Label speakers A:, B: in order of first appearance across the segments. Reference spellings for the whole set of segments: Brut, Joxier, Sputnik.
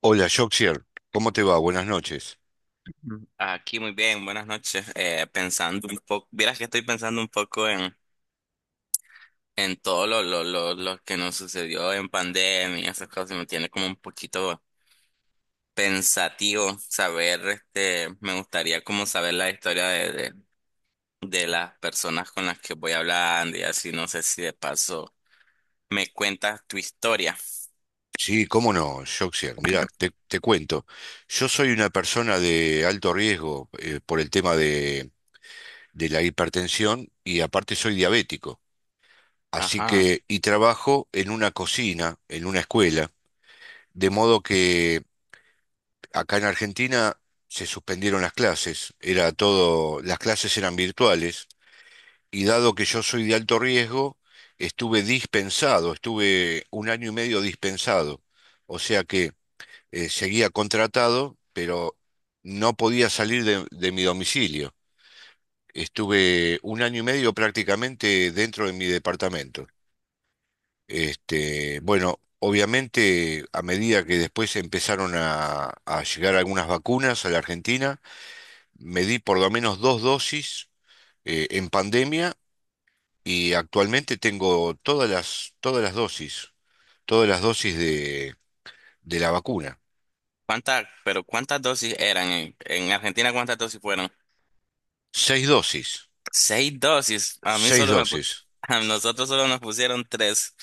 A: Hola, Joxier, ¿cómo te va? Buenas noches.
B: Mm. Aquí muy bien, buenas noches. Pensando un poco, vieras que estoy pensando un poco en, todo lo que nos sucedió en pandemia, y esas cosas, y me tiene como un poquito pensativo saber, me gustaría como saber la historia de las personas con las que voy hablando y así, no sé si de paso me cuentas tu historia.
A: Sí, cómo no, Joxier. Mira, te cuento. Yo soy una persona de alto riesgo por el tema de la hipertensión y aparte soy diabético. Así
B: Ajá.
A: que, y trabajo en una cocina, en una escuela, de modo que acá en Argentina se suspendieron las clases. Era todo, las clases eran virtuales. Y dado que yo soy de alto riesgo, estuve dispensado, estuve un año y medio dispensado. O sea que seguía contratado, pero no podía salir de mi domicilio. Estuve un año y medio prácticamente dentro de mi departamento. Este, bueno, obviamente a medida que después empezaron a llegar algunas vacunas a la Argentina, me di por lo menos dos dosis en pandemia. Y actualmente tengo todas las dosis de la vacuna.
B: ¿Cuántas dosis eran en, Argentina? ¿Cuántas dosis fueron?
A: Seis dosis,
B: 6 dosis. A mí
A: seis
B: solo
A: dosis.
B: a nosotros solo nos pusieron tres.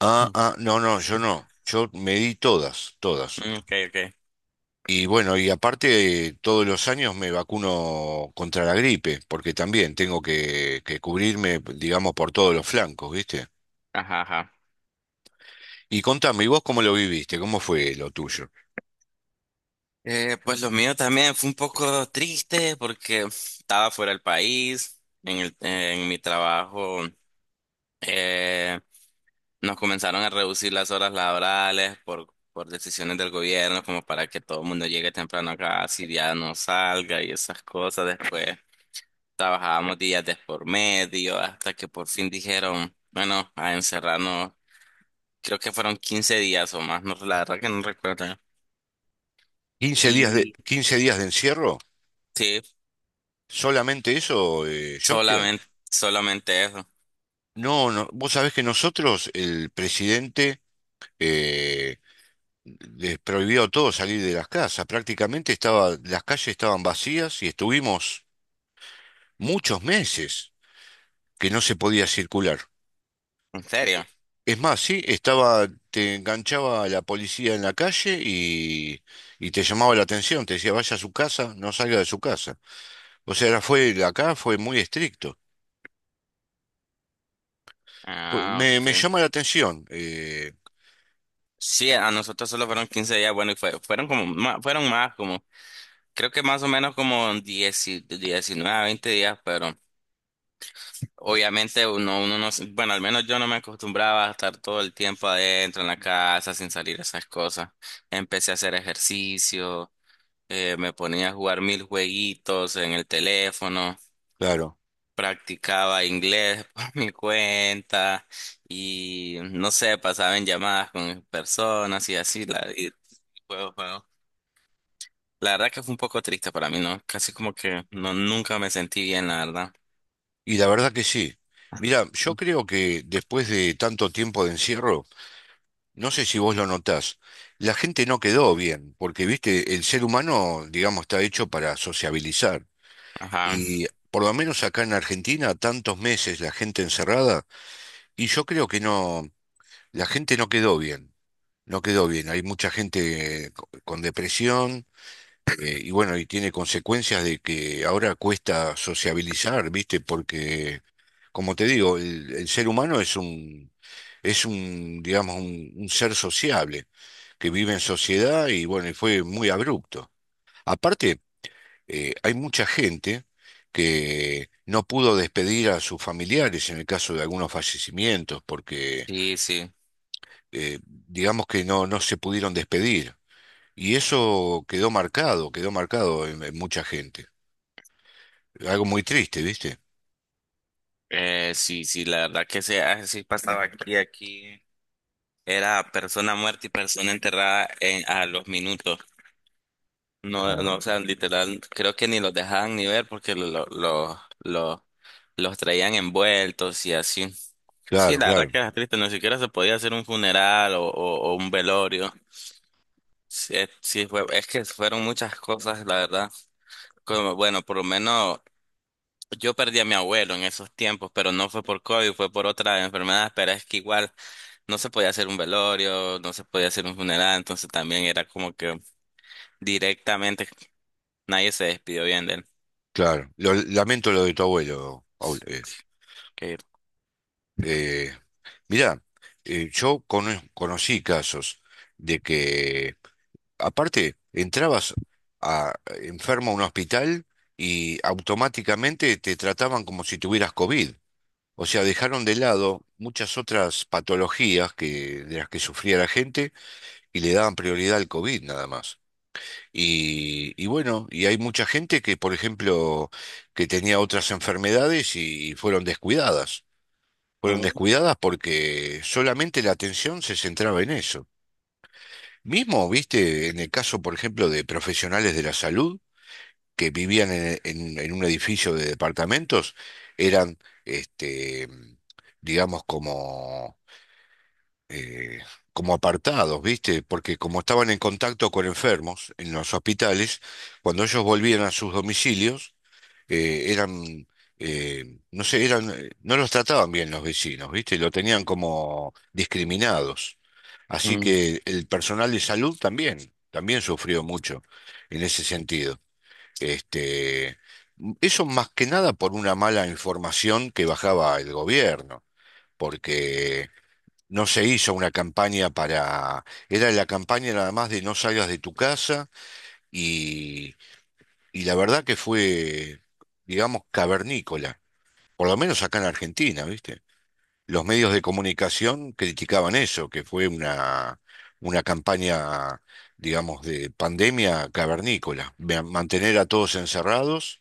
A: Ah,
B: Mm.
A: ah, no, no, yo no. Yo me di todas, todas.
B: Mm. Ok, ok.
A: Y bueno, y aparte todos los años me vacuno contra la gripe, porque también tengo que cubrirme, digamos, por todos los flancos, ¿viste?
B: Ajá, ajá.
A: Y contame, ¿y vos cómo lo viviste? ¿Cómo fue lo tuyo?
B: Pues lo mío también fue un poco triste porque estaba fuera del país. En mi trabajo, eh, nos comenzaron a reducir las horas laborales por, decisiones del gobierno, como para que todo el mundo llegue temprano acá, si ya no salga y esas cosas después. Trabajábamos días de por medio hasta que por fin dijeron, bueno, a encerrarnos. Creo que fueron 15 días o más, no, la verdad que no recuerdo.
A: quince días de,
B: Y
A: quince días de encierro,
B: sí,
A: solamente eso, Joker.
B: solamente, solamente eso.
A: No, no, vos sabés que nosotros, el presidente, eh, les prohibió a todos salir de las casas. Prácticamente estaba, las calles estaban vacías y estuvimos muchos meses que no se podía circular.
B: ¿En serio?
A: Es más, sí, estaba, te enganchaba la policía en la calle y te llamaba la atención, te decía, vaya a su casa, no salga de su casa. O sea, era- fue, acá fue muy estricto. Pu-
B: Ah,
A: Me, me
B: ok.
A: llama la atención,
B: Sí, a nosotros solo fueron 15 días, bueno, fueron como, fueron más, como, creo que más o menos como 19, 20 días, pero. Obviamente uno no, bueno, al menos yo no me acostumbraba a estar todo el tiempo adentro en la casa sin salir esas cosas. Empecé a hacer ejercicio, me ponía a jugar mil jueguitos en el teléfono,
A: claro,
B: practicaba inglés por mi cuenta y no sé, pasaba en llamadas con personas y así, y juego, juego. La verdad que fue un poco triste para mí, ¿no? Casi como que no, nunca me sentí bien, la verdad.
A: y la verdad que sí. Mira, yo creo que después de tanto tiempo de encierro, no sé si vos lo notás, la gente no quedó bien, porque viste, el ser humano, digamos, está hecho para sociabilizar.
B: Ajá,
A: Y por lo menos acá en Argentina, tantos meses la gente encerrada, y yo creo que no, la gente no quedó bien, no quedó bien. Hay mucha gente con depresión. Y bueno, y tiene consecuencias de que ahora cuesta sociabilizar, ¿viste? Porque, como te digo, el ser humano es un, digamos, un ser sociable, que vive en sociedad y bueno, y fue muy abrupto. Aparte, hay mucha gente que no pudo despedir a sus familiares en el caso de algunos fallecimientos, porque
B: sí, sí.
A: digamos que no, no se pudieron despedir. Y eso quedó marcado en mucha gente. Algo muy triste, ¿viste?
B: Sí, sí, la verdad que sí, así pasaba aquí, era persona muerta y persona enterrada a los minutos. No,
A: Ah,
B: no, o sea, literal, creo que ni los dejaban ni ver porque los traían envueltos y así. Sí,
A: claro,
B: la verdad
A: claro,
B: que era triste. Ni siquiera se podía hacer un funeral o un velorio. Sí, sí, es que fueron muchas cosas, la verdad. Como, bueno, por lo menos yo perdí a mi abuelo en esos tiempos, pero no fue por COVID, fue por otra enfermedad, pero es que igual. No se podía hacer un velorio, no se podía hacer un funeral, entonces también era como que directamente nadie se despidió bien de él.
A: claro. Lamento lo de tu abuelo, Paul.
B: Que-
A: Eh, Mirá, yo conocí casos de que, aparte, entrabas a, enfermo a un hospital y automáticamente te trataban como si tuvieras COVID. O sea, dejaron de lado muchas otras patologías que, de las que sufría la gente y le daban prioridad al COVID nada más. Bueno, y hay mucha gente que, por ejemplo, que tenía otras enfermedades y fueron descuidadas. Fueron
B: Mm,
A: descuidadas porque solamente la atención se centraba en eso. Mismo, viste, en el caso, por ejemplo, de profesionales de la salud que vivían en un edificio de departamentos, eran, este, digamos, eh, como apartados, ¿viste? Porque como estaban en contacto con enfermos en los hospitales, cuando ellos volvían a sus domicilios, eh, eran, no sé, no los trataban bien los vecinos, ¿viste? Lo tenían como discriminados. Así
B: mm.
A: que el personal de salud también, también sufrió mucho en ese sentido. Este, Eso más que nada por una mala información que bajaba el gobierno, porque no se hizo una campaña para. Era la campaña nada más de no salgas de tu casa y, y la verdad que fue, digamos, cavernícola, por lo menos acá en Argentina, ¿viste? Los medios de comunicación criticaban eso, que fue una campaña, digamos, de pandemia cavernícola, mantener a todos encerrados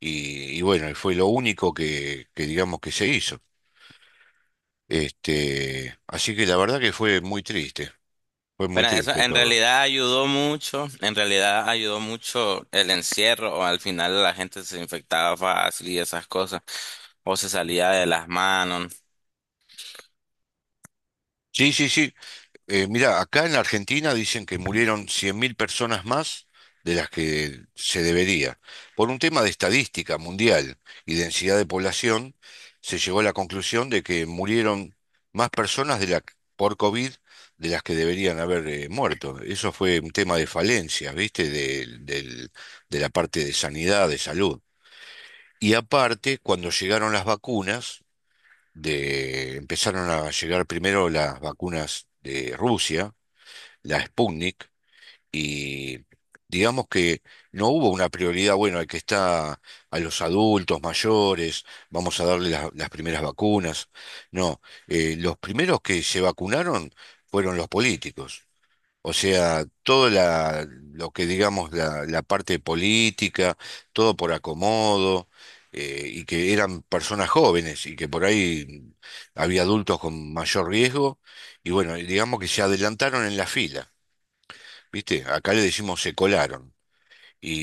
A: y bueno, y fue lo único que digamos que se hizo. Así que la verdad que fue muy triste. Fue muy
B: Pero eso
A: triste
B: en
A: todo.
B: realidad ayudó mucho, en realidad ayudó mucho el encierro, o al final la gente se infectaba fácil y esas cosas, o se salía de las manos.
A: Sí, sí, sí. Mira, acá en la Argentina dicen que murieron 100.000 personas más de las que se debería. Por un tema de estadística mundial y densidad de población, se llegó a la conclusión de que murieron más personas por COVID de las que deberían haber muerto. Eso fue un tema de falencia, ¿viste? De la parte de sanidad, de salud. Y aparte, cuando llegaron las vacunas, empezaron a llegar primero las vacunas de Rusia, la Sputnik, y digamos que no hubo una prioridad, bueno, al que está a los adultos mayores, vamos a darle las primeras vacunas. No, los primeros que se vacunaron fueron los políticos. O sea, lo que digamos la parte política, todo por acomodo, y que eran personas jóvenes y que por ahí había adultos con mayor riesgo, y bueno, y digamos que se adelantaron en la fila, ¿viste? Acá le decimos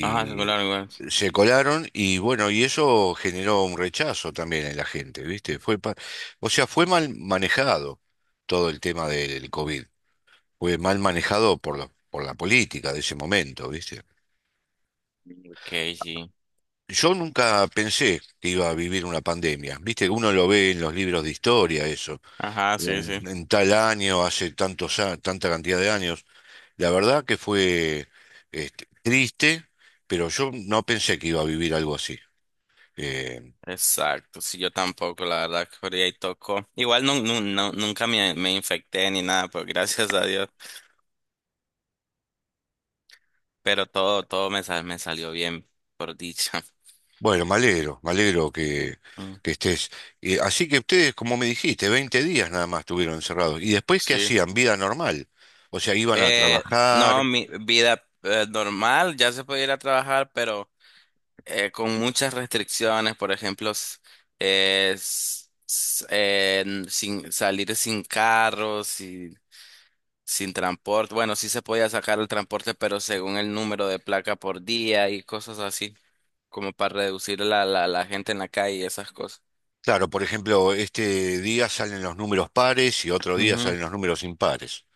B: Ajá, claro, igual.
A: se colaron y bueno, y eso generó un rechazo también en la gente, ¿viste? Fue, o sea, fue mal manejado todo el tema del COVID fue mal manejado por por la política de ese momento, ¿viste?
B: Ok, sí.
A: Yo nunca pensé que iba a vivir una pandemia, ¿viste? Uno lo ve en los libros de historia, eso,
B: Ajá, sí, sí.
A: en tal año, hace tantos, tanta cantidad de años. La verdad que fue triste, pero yo no pensé que iba a vivir algo así. Eh,
B: Exacto, sí, yo tampoco, la verdad, que por ahí tocó. Igual nunca me infecté ni nada, pues gracias a Dios. Pero todo, todo me salió bien, por dicha.
A: bueno, me alegro
B: Mm.
A: que estés. Así que ustedes, como me dijiste, 20 días nada más estuvieron encerrados. ¿Y después qué
B: Sí.
A: hacían? Vida normal. O sea, iban a
B: Eh, no,
A: trabajar.
B: mi vida normal, ya se puede ir a trabajar, pero con muchas restricciones, por ejemplo, sin salir sin carros y sin transporte. Bueno, sí se podía sacar el transporte, pero según el número de placa por día y cosas así, como para reducir la gente en la calle y esas cosas.
A: Claro, por ejemplo, este día salen los números pares y otro día
B: Ujú.
A: salen los números impares.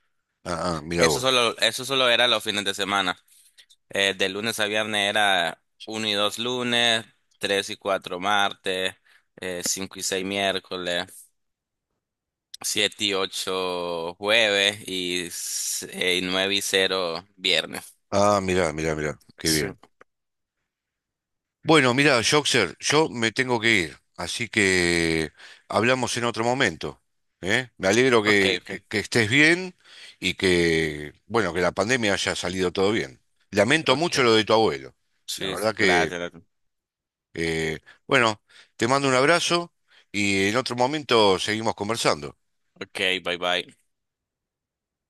A: Ah, ah, mira
B: Eso
A: vos.
B: solo, eso solo era los fines de semana. De lunes a viernes era uno y 2 lunes, 3 y 4 martes, 5 y 6 miércoles, 7 y 8 jueves y 9 y 0 viernes.
A: Ah, mira, mira, mira, qué
B: Sí.
A: bien. Bueno, mira, Joxer, yo me tengo que ir, así que hablamos en otro momento, ¿eh? Me alegro
B: Ok,
A: que,
B: ok,
A: que estés bien y que, bueno, que la pandemia haya salido todo bien. Lamento
B: ok.
A: mucho lo de tu abuelo. La
B: Sí,
A: verdad que,
B: gracias.
A: eh, bueno, te mando un abrazo y en otro momento seguimos conversando.
B: Ok, bye bye.